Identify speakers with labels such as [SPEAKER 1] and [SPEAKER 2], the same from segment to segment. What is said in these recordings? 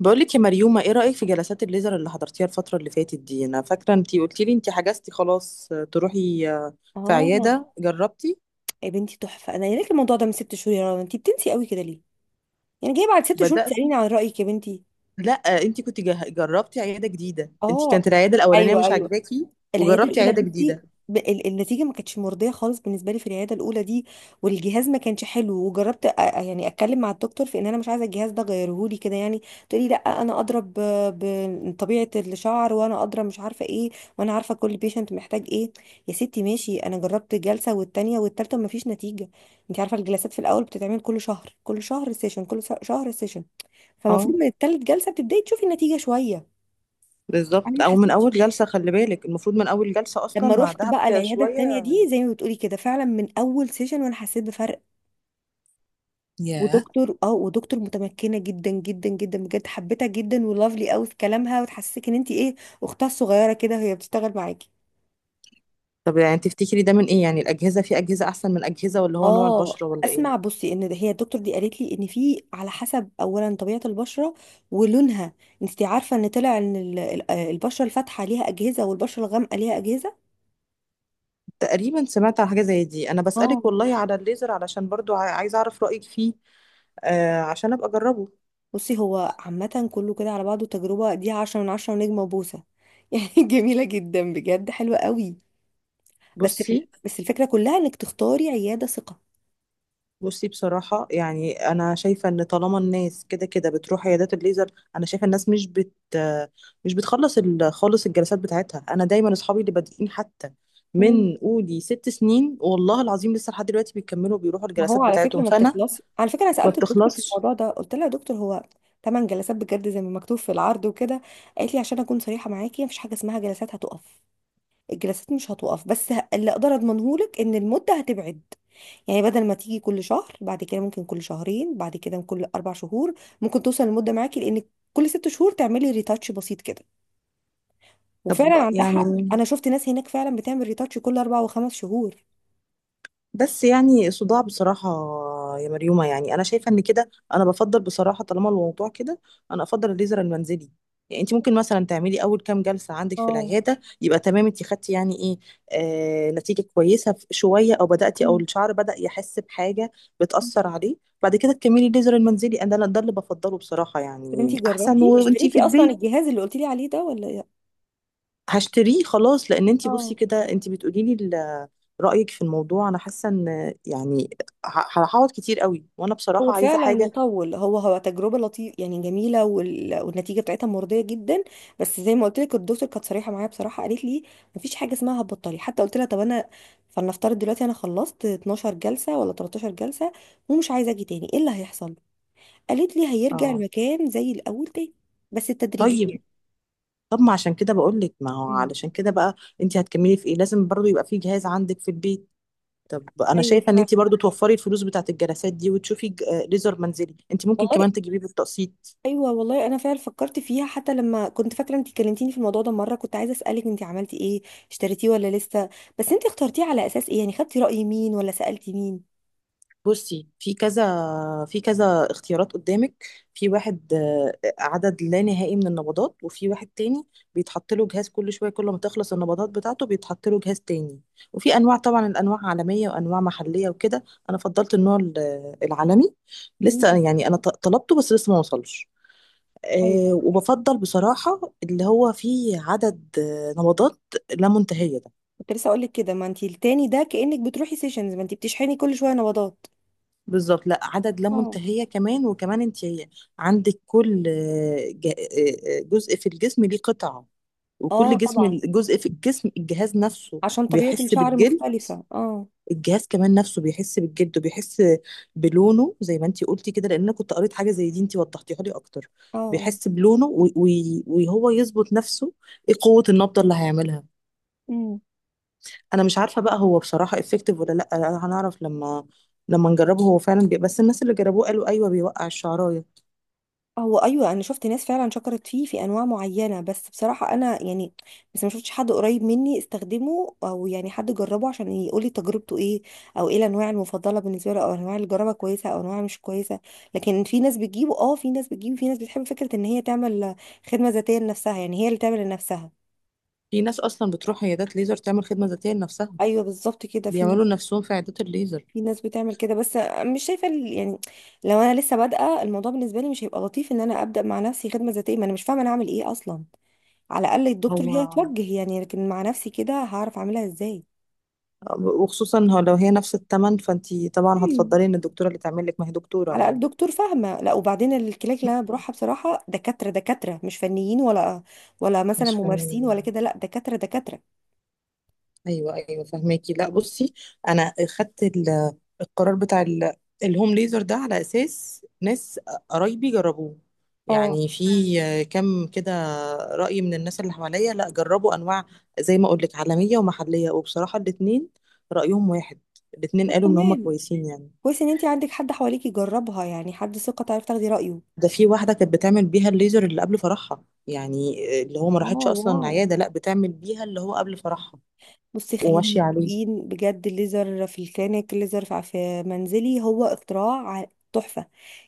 [SPEAKER 1] بقولك يا مريومة ايه رأيك في جلسات الليزر اللي حضرتيها الفترة اللي فاتت دي. انا فاكرة انتي قلتي لي انتي حجزتي خلاص، تروحي في
[SPEAKER 2] اه،
[SPEAKER 1] عيادة. جربتي؟
[SPEAKER 2] يا بنتي تحفه. انا قايله لك الموضوع ده من ست شهور يا رنا، انت بتنسي قوي كده ليه؟ يعني جايه بعد ست شهور
[SPEAKER 1] بدأت.
[SPEAKER 2] تساليني عن رايك يا بنتي؟
[SPEAKER 1] لا. انتي كنت جربتي عيادة جديدة، انتي
[SPEAKER 2] اه،
[SPEAKER 1] كانت العيادة الأولانية
[SPEAKER 2] ايوه
[SPEAKER 1] مش
[SPEAKER 2] ايوه،
[SPEAKER 1] عاجباكي
[SPEAKER 2] العياده
[SPEAKER 1] وجربتي
[SPEAKER 2] الاولى
[SPEAKER 1] عيادة
[SPEAKER 2] بصي،
[SPEAKER 1] جديدة.
[SPEAKER 2] النتيجه ما كانتش مرضيه خالص بالنسبه لي في العياده الاولى دي، والجهاز ما كانش حلو. وجربت يعني اتكلم مع الدكتور في ان انا مش عايزه الجهاز ده، غيره لي كده يعني. تقولي لا، انا ادرى بطبيعه الشعر وانا ادرى مش عارفه ايه، وانا عارفه كل بيشنت محتاج ايه. يا ستي ماشي، انا جربت جلسه والتانيه والتالته وما فيش نتيجه. انت عارفه الجلسات في الاول بتتعمل كل شهر، كل شهر سيشن، كل شهر سيشن.
[SPEAKER 1] اه،
[SPEAKER 2] فالمفروض من التالت جلسه بتبداي تشوفي النتيجه شويه. انا
[SPEAKER 1] بالظبط،
[SPEAKER 2] ما
[SPEAKER 1] او من
[SPEAKER 2] حسيتش.
[SPEAKER 1] اول جلسة. خلي بالك المفروض من اول جلسة
[SPEAKER 2] لما
[SPEAKER 1] اصلا
[SPEAKER 2] رحت
[SPEAKER 1] بعدها
[SPEAKER 2] بقى العياده التانيه
[SPEAKER 1] شوية.
[SPEAKER 2] دي زي ما بتقولي كده، فعلا من اول سيشن وانا حسيت بفرق.
[SPEAKER 1] ياه.
[SPEAKER 2] ودكتور متمكنه جدا جدا جدا بجد، حبيتها جدا، ولافلي قوي في كلامها وتحسسك ان انت ايه، اختها الصغيره كده وهي بتشتغل معاكي.
[SPEAKER 1] طب يعني تفتكري ده من ايه؟ يعني الأجهزة، في أجهزة احسن من أجهزة ولا هو نوع
[SPEAKER 2] اه،
[SPEAKER 1] البشرة ولا ايه؟
[SPEAKER 2] اسمع بصي، ان هي الدكتور دي قالت لي ان في على حسب، اولا طبيعه البشره ولونها. انت عارفه ان طلع ان البشره الفاتحه ليها اجهزه والبشره الغامقه ليها اجهزه.
[SPEAKER 1] تقريبا سمعت على حاجة زي دي. أنا بسألك
[SPEAKER 2] اه،
[SPEAKER 1] والله على الليزر علشان برضو عايزة أعرف رأيك فيه. عشان أبقى أجربه.
[SPEAKER 2] بصي هو عامة كله كده على بعضه، تجربة دي عشرة من عشرة ونجمة وبوسة يعني جميلة جدا بجد، حلوة قوي. بس
[SPEAKER 1] بصي،
[SPEAKER 2] في، بس الفكرة كلها انك تختاري عيادة ثقة.
[SPEAKER 1] بصي، بصراحة يعني أنا شايفة إن طالما الناس كده كده بتروح عيادات الليزر، أنا شايفة الناس مش بت آه، مش بتخلص خالص الجلسات بتاعتها. أنا دايما أصحابي اللي بادئين حتى
[SPEAKER 2] مم.
[SPEAKER 1] من قولي 6 سنين والله العظيم لسه لحد دلوقتي بيكملوا، بيروحوا
[SPEAKER 2] ما
[SPEAKER 1] الجلسات
[SPEAKER 2] هو على فكرة
[SPEAKER 1] بتاعتهم،
[SPEAKER 2] ما
[SPEAKER 1] فأنا
[SPEAKER 2] بتخلص، على فكرة أنا
[SPEAKER 1] ما
[SPEAKER 2] سألت الدكتور في
[SPEAKER 1] بتخلصش.
[SPEAKER 2] الموضوع ده، قلت لها يا دكتور، هو تمن جلسات بجد زي ما مكتوب في العرض وكده؟ قالت لي عشان أكون صريحة معاكي، مفيش حاجة اسمها جلسات هتقف، الجلسات مش هتقف، بس اللي أقدر أضمنهولك إن المدة هتبعد. يعني بدل ما تيجي كل شهر، بعد كده ممكن كل شهرين، بعد كده كل اربع شهور، ممكن توصل المده معاكي لان كل ست شهور تعملي ريتاتش بسيط كده.
[SPEAKER 1] طب
[SPEAKER 2] وفعلا عندها حق،
[SPEAKER 1] يعني،
[SPEAKER 2] انا شفت ناس هناك فعلا بتعمل ريتاتش كل اربع وخمس شهور.
[SPEAKER 1] بس يعني صداع بصراحة يا مريومة. يعني أنا شايفة إن كده أنا بفضل بصراحة طالما الموضوع كده، أنا أفضل الليزر المنزلي. يعني أنت ممكن مثلا تعملي أول كام جلسة عندك في
[SPEAKER 2] اه.
[SPEAKER 1] العيادة، يبقى تمام، أنت خدتي يعني إيه، نتيجة كويسة شوية، أو بدأتي أو
[SPEAKER 2] مم.
[SPEAKER 1] الشعر بدأ يحس بحاجة، بتأثر عليه. بعد كده تكملي الليزر المنزلي. أنا ده اللي بفضله بصراحة،
[SPEAKER 2] طب
[SPEAKER 1] يعني
[SPEAKER 2] انتي
[SPEAKER 1] أحسن
[SPEAKER 2] جربتي
[SPEAKER 1] وأنت
[SPEAKER 2] اشتريتي
[SPEAKER 1] في
[SPEAKER 2] اصلا
[SPEAKER 1] البيت.
[SPEAKER 2] الجهاز اللي قلتي لي عليه ده ولا لا؟
[SPEAKER 1] هشتريه خلاص، لان انتي بصي
[SPEAKER 2] اه،
[SPEAKER 1] كده، انتي بتقولي لي رايك في الموضوع، انا حاسه ان يعني هقعد كتير قوي، وانا
[SPEAKER 2] هو
[SPEAKER 1] بصراحه عايزه
[SPEAKER 2] فعلا
[SPEAKER 1] حاجه.
[SPEAKER 2] يطول، هو هو تجربة لطيفة يعني جميلة، وال... والنتيجة بتاعتها مرضية جدا. بس زي ما قلت لك، الدكتور كانت صريحة معايا بصراحة، قالت لي مفيش حاجة اسمها هتبطلي. حتى قلت لها طب انا، فلنفترض دلوقتي انا خلصت 12 جلسة ولا 13 جلسة ومش عايزة اجي تاني، ايه اللي هيحصل؟ قالت لي هيرجع
[SPEAKER 1] اه،
[SPEAKER 2] المكان زي الاول تاني، بس تدريجيا.
[SPEAKER 1] طيب. طب ما عشان كده بقول لك، ما هو
[SPEAKER 2] مم.
[SPEAKER 1] علشان كده بقى، انتي هتكملي في ايه؟ لازم برضو يبقى في جهاز عندك في البيت. طب انا
[SPEAKER 2] ايوه
[SPEAKER 1] شايفه ان
[SPEAKER 2] فعلا
[SPEAKER 1] انتي برضو توفري الفلوس بتاعت الجلسات دي وتشوفي ليزر منزلي. انتي ممكن
[SPEAKER 2] والله،
[SPEAKER 1] كمان تجيبيه بالتقسيط.
[SPEAKER 2] ايوه والله انا فعلا فكرت فيها. حتى لما كنت فاكره انت كلمتيني في الموضوع ده مره، كنت عايزه اسالك انت عملتي ايه، اشتريتيه ولا لسه؟ بس انت اخترتيه على اساس ايه يعني، خدتي راي مين ولا سالتي مين؟
[SPEAKER 1] بصي، في كذا اختيارات قدامك. في واحد عدد لا نهائي من النبضات، وفي واحد تاني بيتحط له جهاز كل شويه، كل ما تخلص النبضات بتاعته بيتحط له جهاز تاني. وفي انواع، طبعا الانواع عالميه وانواع محليه وكده. انا فضلت النوع العالمي. لسه
[SPEAKER 2] مم.
[SPEAKER 1] يعني انا طلبته بس لسه ما وصلش. أه،
[SPEAKER 2] ايوه،
[SPEAKER 1] وبفضل بصراحه اللي هو فيه عدد نبضات لا منتهيه.
[SPEAKER 2] كنت لسه اقول لك كده، ما انت التاني ده كانك بتروحي سيشنز، ما انت بتشحني كل شويه نبضات.
[SPEAKER 1] بالظبط، لا عدد لا
[SPEAKER 2] اه.
[SPEAKER 1] منتهية. كمان وكمان انت عندك كل جزء في الجسم ليه قطعة،
[SPEAKER 2] اه
[SPEAKER 1] وكل جسم،
[SPEAKER 2] طبعا،
[SPEAKER 1] جزء في الجسم الجهاز نفسه
[SPEAKER 2] عشان طبيعه
[SPEAKER 1] بيحس
[SPEAKER 2] الشعر
[SPEAKER 1] بالجلد.
[SPEAKER 2] مختلفه، اه.
[SPEAKER 1] الجهاز كمان نفسه بيحس بالجلد وبيحس بلونه، زي ما انت قلتي كده، لان انا كنت قريت حاجة زي دي، انت وضحتيها لي اكتر.
[SPEAKER 2] اه آه.
[SPEAKER 1] بيحس بلونه وهو يظبط نفسه ايه قوة النبضة اللي هيعملها.
[SPEAKER 2] امم.
[SPEAKER 1] انا مش عارفة بقى هو بصراحة افكتيف ولا لا، هنعرف لما، لما نجربه. هو فعلا بس الناس اللي جربوه قالوا ايوه، بيوقع الشعرايه.
[SPEAKER 2] هو ايوه، انا شفت ناس فعلا شكرت فيه في انواع معينه، بس بصراحه انا يعني، بس ما شفتش حد قريب مني استخدمه او يعني حد جربه عشان يقولي تجربته ايه، او ايه الانواع المفضله بالنسبه له، او انواع اللي جربها كويسه او انواع مش كويسه. لكن في ناس بتجيبه، اه في ناس بتجيبه، في ناس بتحب فكره ان هي تعمل خدمه ذاتيه لنفسها، يعني هي اللي تعمل لنفسها.
[SPEAKER 1] في ناس اصلا بتروح عيادات ليزر تعمل خدمه ذاتيه لنفسها،
[SPEAKER 2] ايوه بالظبط كده، في ناس
[SPEAKER 1] بيعملوا لنفسهم في عيادات الليزر.
[SPEAKER 2] في ناس بتعمل كده، بس مش شايفه يعني، لو انا لسه بادئه الموضوع، بالنسبه لي مش هيبقى لطيف ان انا ابدا مع نفسي خدمه ذاتيه، ما انا مش فاهمه انا اعمل ايه اصلا. على الاقل
[SPEAKER 1] هو،
[SPEAKER 2] الدكتور هي توجه يعني، لكن مع نفسي كده هعرف اعملها ازاي؟
[SPEAKER 1] وخصوصا هو لو هي نفس الثمن، فانتي طبعا
[SPEAKER 2] مم.
[SPEAKER 1] هتفضلي ان الدكتوره اللي تعمل لك، ما هي دكتوره
[SPEAKER 2] على الاقل
[SPEAKER 1] يعني،
[SPEAKER 2] دكتور فاهمه. لا وبعدين، الكلاك اللي انا بروحها بصراحه دكاتره دكاتره، مش فنيين ولا ولا مثلا
[SPEAKER 1] مش
[SPEAKER 2] ممارسين ولا
[SPEAKER 1] فن.
[SPEAKER 2] كده، لا، دكاتره دكاتره.
[SPEAKER 1] ايوه ايوه، فهماكي. لا بصي، انا خدت القرار بتاع الهوم ليزر ده على اساس ناس قرايبي جربوه،
[SPEAKER 2] اه.
[SPEAKER 1] يعني في كم كده رأي من الناس اللي حواليا، لا جربوا انواع زي ما اقول لك عالمية ومحلية، وبصراحة الاتنين رأيهم واحد، الاتنين
[SPEAKER 2] طب
[SPEAKER 1] قالوا ان هم
[SPEAKER 2] تمام،
[SPEAKER 1] كويسين يعني.
[SPEAKER 2] كويس ان انت عندك حد حواليكي يجربها، يعني حد ثقه تعرف تاخدي رايه.
[SPEAKER 1] ده في واحدة كانت بتعمل بيها الليزر اللي قبل فرحها، يعني اللي هو ما
[SPEAKER 2] اه.
[SPEAKER 1] راحتش اصلا
[SPEAKER 2] واو.
[SPEAKER 1] عيادة، لا بتعمل بيها اللي هو قبل فرحها
[SPEAKER 2] بصي خلينا
[SPEAKER 1] وماشية عليه.
[SPEAKER 2] متفقين، بجد الليزر في الكلينيك، الليزر في في منزلي، هو اختراع، ع- تحفه.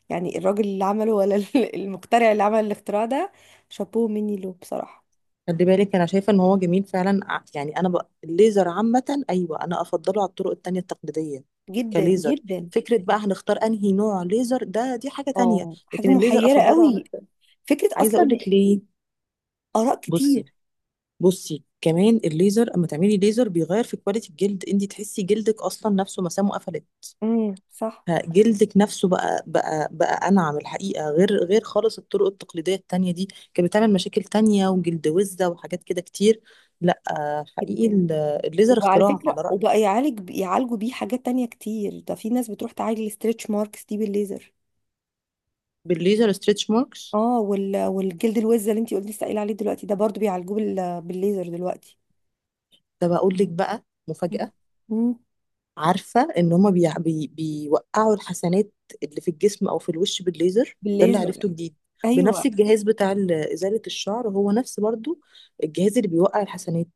[SPEAKER 2] يعني الراجل اللي عمله ولا المخترع اللي عمل الاختراع ده، شابوه مني له بصراحة.
[SPEAKER 1] خلي بالك انا شايفة ان هو جميل فعلا، يعني انا بقى الليزر عامة، ايوه انا افضله على الطرق التانية التقليدية
[SPEAKER 2] جدا
[SPEAKER 1] كليزر.
[SPEAKER 2] جدا.
[SPEAKER 1] فكرة بقى هنختار انهي نوع ليزر، ده دي حاجة تانية،
[SPEAKER 2] اه، حاجة
[SPEAKER 1] لكن الليزر
[SPEAKER 2] محيرة
[SPEAKER 1] افضله عن
[SPEAKER 2] قوي، فكرة
[SPEAKER 1] عايزة اقول
[SPEAKER 2] اصلا،
[SPEAKER 1] لك ليه.
[SPEAKER 2] اراء
[SPEAKER 1] بصي،
[SPEAKER 2] كتير.
[SPEAKER 1] بصي كمان، الليزر اما تعملي ليزر بيغير في كواليتي الجلد، انت تحسي جلدك اصلا نفسه مسامه قفلت،
[SPEAKER 2] صح.
[SPEAKER 1] جلدك نفسه بقى انعم الحقيقه، غير خالص الطرق التقليديه التانية دي، كانت بتعمل مشاكل تانية وجلد وزه وحاجات كده كتير. لا، حقيقي
[SPEAKER 2] جدا.
[SPEAKER 1] الليزر
[SPEAKER 2] وعلى
[SPEAKER 1] اختراع
[SPEAKER 2] فكرة
[SPEAKER 1] على رايي.
[SPEAKER 2] وبقى يعالجوا بيه حاجات تانية كتير. ده في ناس بتروح تعالج الستريتش ماركس دي بالليزر.
[SPEAKER 1] بالليزر، ستريتش ماركس.
[SPEAKER 2] اه، وال... والجلد الوز اللي انتي قلتي لسه قايله عليه دلوقتي، ده برضو بيعالجوه بال... بالليزر دلوقتي.
[SPEAKER 1] ده بقول لك بقى
[SPEAKER 2] مم.
[SPEAKER 1] مفاجاه،
[SPEAKER 2] مم.
[SPEAKER 1] عارفة ان هما بيوقعوا الحسنات اللي في الجسم او في الوش بالليزر، ده اللي
[SPEAKER 2] بالليزر.
[SPEAKER 1] عرفته جديد. بنفس
[SPEAKER 2] ايوه.
[SPEAKER 1] الجهاز بتاع ازالة الشعر، هو نفس برضو الجهاز اللي بيوقع الحسنات،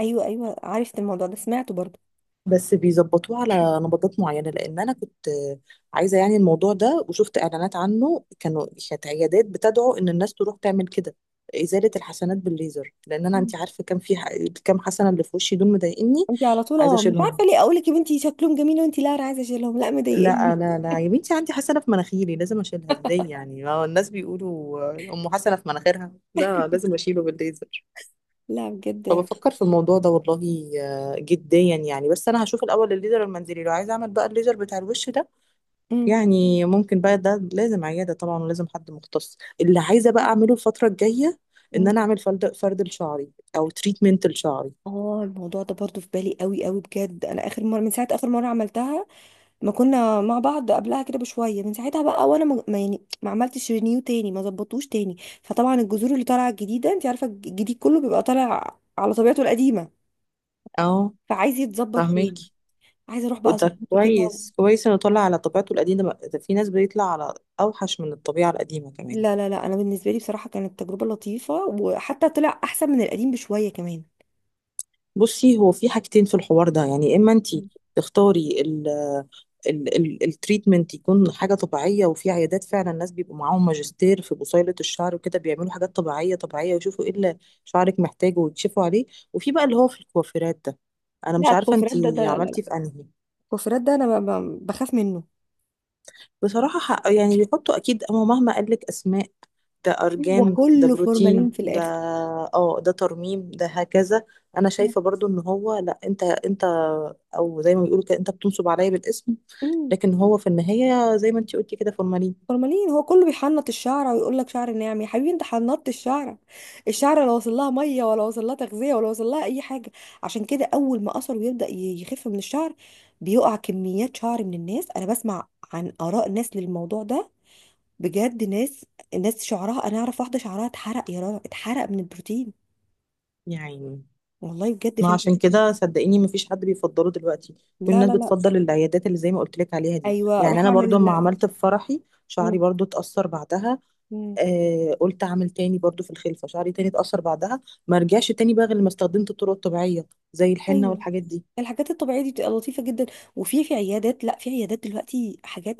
[SPEAKER 2] ايوه عرفت الموضوع ده، سمعته برضو.
[SPEAKER 1] بس بيظبطوه على نبضات معينة. لان انا كنت عايزة يعني الموضوع ده، وشفت اعلانات عنه، كانوا كانت عيادات بتدعو ان الناس تروح تعمل كده، ازالة الحسنات بالليزر. لان انا، انت عارفة، كان في كام حسنة اللي في وشي دول مضايقني،
[SPEAKER 2] انت على طول،
[SPEAKER 1] عايزة
[SPEAKER 2] اه مش
[SPEAKER 1] اشيلهم.
[SPEAKER 2] عارفه ليه، اقول لك يا بنتي شكلهم جميل وانت لا، انا عايزه اشيلهم لا
[SPEAKER 1] لا
[SPEAKER 2] مضايقني.
[SPEAKER 1] لا لا يا بنتي، عندي حسنة في مناخيري لازم اشيلها. ازاي يعني؟ ما هو الناس بيقولوا آه، ام حسنة في مناخيرها. لا، لازم اشيله بالليزر.
[SPEAKER 2] لا بجد.
[SPEAKER 1] فبفكر في الموضوع ده والله جديا يعني. بس انا هشوف الاول الليزر المنزلي، لو عايزه اعمل بقى الليزر بتاع الوش ده،
[SPEAKER 2] امم.
[SPEAKER 1] يعني ممكن بقى ده لازم عيادة طبعا ولازم حد مختص. اللي عايزه بقى اعمله الفترة الجاية ان
[SPEAKER 2] امم.
[SPEAKER 1] انا اعمل فرد، فرد لشعري او تريتمنت لشعري.
[SPEAKER 2] اه، الموضوع ده برضو في بالي قوي قوي بجد. انا اخر مره، من ساعه اخر مره عملتها، ما كنا مع بعض قبلها كده بشويه، من ساعتها بقى وانا يعني ما عملتش رينيو تاني، ما ظبطوش تاني. فطبعا الجذور اللي طالعه الجديده، انت عارفه الجديد كله بيبقى طالع على طبيعته القديمه،
[SPEAKER 1] اه،
[SPEAKER 2] فعايز يتظبط
[SPEAKER 1] فاهمك.
[SPEAKER 2] تاني. عايزه اروح بقى
[SPEAKER 1] وده
[SPEAKER 2] اظبطه كده.
[SPEAKER 1] كويس، كويس انه طلع على طبيعته القديمة. ده في ناس بيطلع على اوحش من الطبيعة القديمة كمان.
[SPEAKER 2] لا لا لا، انا بالنسبه لي بصراحه كانت تجربه لطيفه، وحتى طلع احسن من القديم بشويه كمان.
[SPEAKER 1] بصي، هو في حاجتين في الحوار ده يعني، اما انت تختاري ال ال ال التريتمنت يكون حاجة طبيعية، وفي عيادات فعلا الناس بيبقوا معاهم ماجستير في بصيلة الشعر وكده، بيعملوا حاجات طبيعية، طبيعية، ويشوفوا ايه اللي شعرك محتاجه ويكشفوا عليه. وفي بقى اللي هو في الكوافيرات ده، انا
[SPEAKER 2] لا،
[SPEAKER 1] مش عارفة انت
[SPEAKER 2] الكوفرات ده، ده لا لا لا.
[SPEAKER 1] عملتي في انهي.
[SPEAKER 2] الكوفرات ده انا بخاف منه.
[SPEAKER 1] بصراحة حق يعني، بيحطوا أكيد أما مهما قالك أسماء، ده
[SPEAKER 2] هو
[SPEAKER 1] أرجان، ده
[SPEAKER 2] كله فورمالين
[SPEAKER 1] بروتين،
[SPEAKER 2] في
[SPEAKER 1] ده
[SPEAKER 2] الاخر.
[SPEAKER 1] اه، ده ترميم، ده هكذا. أنا شايفة برضو إن هو لأ، أنت أنت، أو زي ما بيقولوا كده، أنت بتنصب عليا بالاسم،
[SPEAKER 2] أمم،
[SPEAKER 1] لكن هو في النهاية زي ما أنتي قلتي كده فورمالين.
[SPEAKER 2] فورمالين. هو كله بيحنط الشعره ويقول لك شعر ناعم. يا حبيبي انت حنطت الشعره، الشعره لا وصل لها ميه ولا وصل لها تغذيه ولا وصل لها اي حاجه. عشان كده اول ما اثر ويبدا يخف من الشعر، بيقع كميات شعر من الناس. انا بسمع عن اراء ناس للموضوع ده بجد، ناس، ناس شعرها، انا اعرف واحده شعرها اتحرق يا رنا، اتحرق من البروتين
[SPEAKER 1] يعني
[SPEAKER 2] والله بجد،
[SPEAKER 1] ما
[SPEAKER 2] فانت
[SPEAKER 1] عشان كده صدقيني مفيش حد بيفضله دلوقتي. كل
[SPEAKER 2] لا
[SPEAKER 1] الناس
[SPEAKER 2] لا لا.
[SPEAKER 1] بتفضل العيادات اللي زي ما قلت لك عليها دي.
[SPEAKER 2] ايوه،
[SPEAKER 1] يعني
[SPEAKER 2] روح
[SPEAKER 1] أنا برضو
[SPEAKER 2] اعمل
[SPEAKER 1] لما عملت في فرحي شعري برضو اتأثر بعدها،
[SPEAKER 2] مم.
[SPEAKER 1] آه قلت اعمل تاني برضو في الخلفه، شعري تاني اتأثر بعدها، ما رجعش تاني بقى غير لما استخدمت الطرق الطبيعيه زي الحنه
[SPEAKER 2] ايوه،
[SPEAKER 1] والحاجات دي.
[SPEAKER 2] الحاجات الطبيعيه دي بتبقى لطيفه جدا. وفي، في عيادات، لا في عيادات دلوقتي حاجات،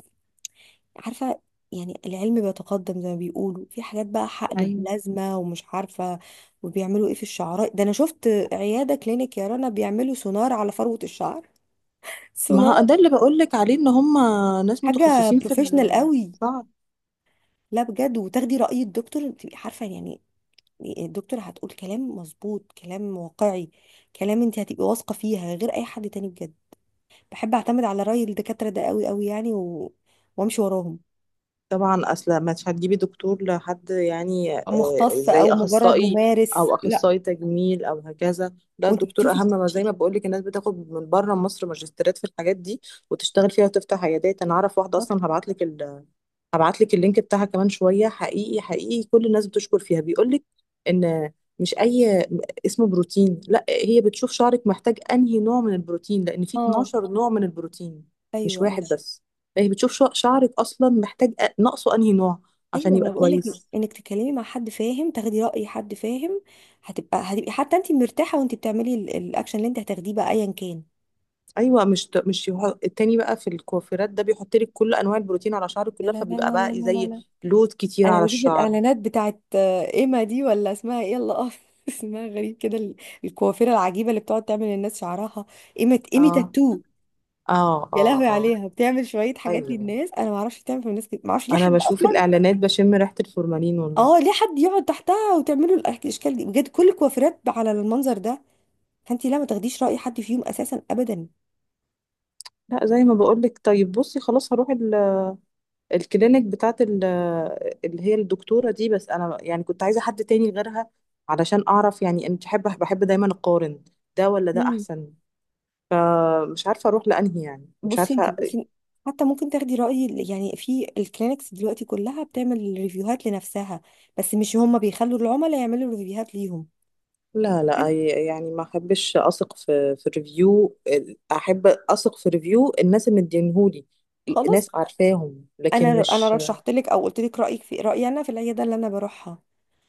[SPEAKER 2] عارفه يعني، العلم بيتقدم زي ما بيقولوا، في حاجات بقى حقن
[SPEAKER 1] ايوه،
[SPEAKER 2] بلازما ومش عارفه وبيعملوا ايه في الشعراء ده. انا شفت عياده كلينيك يا رنا بيعملوا سونار على فروه الشعر،
[SPEAKER 1] ما
[SPEAKER 2] سونار،
[SPEAKER 1] هو ده اللي بقول لك عليه، ان هم ناس
[SPEAKER 2] حاجه
[SPEAKER 1] متخصصين في
[SPEAKER 2] بروفيشنال قوي.
[SPEAKER 1] الشعر.
[SPEAKER 2] لا بجد، وتاخدي راي الدكتور تبقي عارفه يعني إيه، الدكتور هتقول كلام مظبوط، كلام واقعي، كلام انت هتبقي واثقه فيها غير اي حد تاني بجد. بحب اعتمد على رأي الدكاترة ده قوي قوي يعني، و... وامشي وراهم.
[SPEAKER 1] طبعا اصلا مش هتجيبي دكتور لحد يعني
[SPEAKER 2] أو مختص
[SPEAKER 1] زي
[SPEAKER 2] او مجرد
[SPEAKER 1] اخصائي،
[SPEAKER 2] ممارس،
[SPEAKER 1] او
[SPEAKER 2] لا.
[SPEAKER 1] اخصائي تجميل او هكذا. لا،
[SPEAKER 2] وانت
[SPEAKER 1] الدكتور
[SPEAKER 2] بتشوفي
[SPEAKER 1] اهم. ما زي ما بقول لك، الناس بتاخد من بره مصر ماجستيرات في الحاجات دي وتشتغل فيها وتفتح عيادات. انا اعرف واحده
[SPEAKER 2] بالظبط.
[SPEAKER 1] اصلا، هبعت لك، هبعت لك اللينك بتاعها كمان شويه. حقيقي، حقيقي كل الناس بتشكر فيها، بيقول لك ان مش اي، اسمه بروتين، لا، هي بتشوف شعرك محتاج انهي نوع من البروتين، لان في
[SPEAKER 2] اه.
[SPEAKER 1] 12 نوع من البروتين، مش
[SPEAKER 2] ايوه ايوه
[SPEAKER 1] واحد بس. فهي بتشوف شعرك اصلا محتاج، ناقصه انهي نوع عشان
[SPEAKER 2] ايوه ما
[SPEAKER 1] يبقى
[SPEAKER 2] انا بقول لك،
[SPEAKER 1] كويس.
[SPEAKER 2] انك تتكلمي مع حد فاهم، تاخدي رأي حد فاهم. هتبقى هتبقي حتى انت مرتاحة وانت بتعملي الاكشن اللي انت هتاخديه بقى ايا كان.
[SPEAKER 1] ايوه، مش ت- مش يح- التاني بقى في الكوافيرات ده بيحط لك كل انواع البروتين على شعرك
[SPEAKER 2] لا
[SPEAKER 1] كلها،
[SPEAKER 2] لا لا
[SPEAKER 1] فبيبقى
[SPEAKER 2] لا
[SPEAKER 1] بقى
[SPEAKER 2] لا لا
[SPEAKER 1] زي
[SPEAKER 2] لا.
[SPEAKER 1] لود كتير
[SPEAKER 2] انا
[SPEAKER 1] على
[SPEAKER 2] بشوف
[SPEAKER 1] الشعر.
[SPEAKER 2] الاعلانات بتاعت ايما دي ولا اسمها ايه، الله أعرف. اسمها غريب كده، الكوافيره العجيبه اللي بتقعد تعمل للناس شعرها. ايما ايمي
[SPEAKER 1] اه
[SPEAKER 2] تاتو.
[SPEAKER 1] اه
[SPEAKER 2] يا
[SPEAKER 1] اه
[SPEAKER 2] لهوي
[SPEAKER 1] اه،
[SPEAKER 2] عليها، بتعمل شوية حاجات
[SPEAKER 1] ايوه
[SPEAKER 2] للناس، أنا ما أعرفش بتعمل في الناس كده، ما أعرفش ليه
[SPEAKER 1] انا
[SPEAKER 2] حد
[SPEAKER 1] بشوف
[SPEAKER 2] أصلا،
[SPEAKER 1] الاعلانات بشم ريحه الفورمالين والله.
[SPEAKER 2] أه، ليه حد يقعد تحتها وتعمله الأشكال دي؟ بجد كل الكوافيرات على المنظر ده، فأنت لا، ما تاخديش رأي حد فيهم أساسا أبدا.
[SPEAKER 1] لا زي ما بقولك، طيب بصي خلاص، هروح الكلينيك بتاعت اللي هي الدكتوره دي. بس انا يعني كنت عايزه حد تاني غيرها علشان اعرف، يعني انا بحب، بحب دايما اقارن ده ولا ده
[SPEAKER 2] امم.
[SPEAKER 1] احسن. مش عارفه اروح لانهي يعني، مش
[SPEAKER 2] بصي أنت
[SPEAKER 1] عارفه.
[SPEAKER 2] ممكن، حتى ممكن تاخدي رأي يعني، في الكلينكس دلوقتي كلها بتعمل ريفيوهات لنفسها، بس مش هما بيخلوا العملاء يعملوا ريفيوهات ليهم
[SPEAKER 1] لا لا،
[SPEAKER 2] حلو؟
[SPEAKER 1] يعني ما احبش اثق في ريفيو، احب اثق في ريفيو الناس اللي مدينهولي،
[SPEAKER 2] خلاص.
[SPEAKER 1] ناس عارفاهم،
[SPEAKER 2] أنا
[SPEAKER 1] لكن
[SPEAKER 2] أنا
[SPEAKER 1] مش.
[SPEAKER 2] رشحت لك أو قلت لك رأيك في رأيي أنا في العيادة اللي أنا بروحها.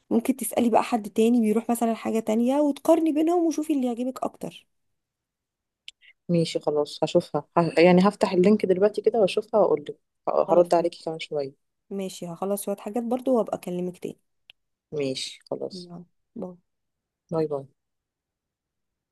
[SPEAKER 2] ممكن تسألي بقى حد تاني بيروح مثلا حاجة تانية، وتقارني بينهم وشوفي اللي يعجبك أكتر.
[SPEAKER 1] ماشي خلاص، هشوفها، يعني هفتح اللينك دلوقتي كده واشوفها واقول لك،
[SPEAKER 2] خلاص
[SPEAKER 1] هرد
[SPEAKER 2] تمام.
[SPEAKER 1] عليكي كمان شوية.
[SPEAKER 2] ماشي، هخلص شوية حاجات برضو وأبقى أكلمك تاني.
[SPEAKER 1] ماشي خلاص.
[SPEAKER 2] يلا. باي.
[SPEAKER 1] باي باي.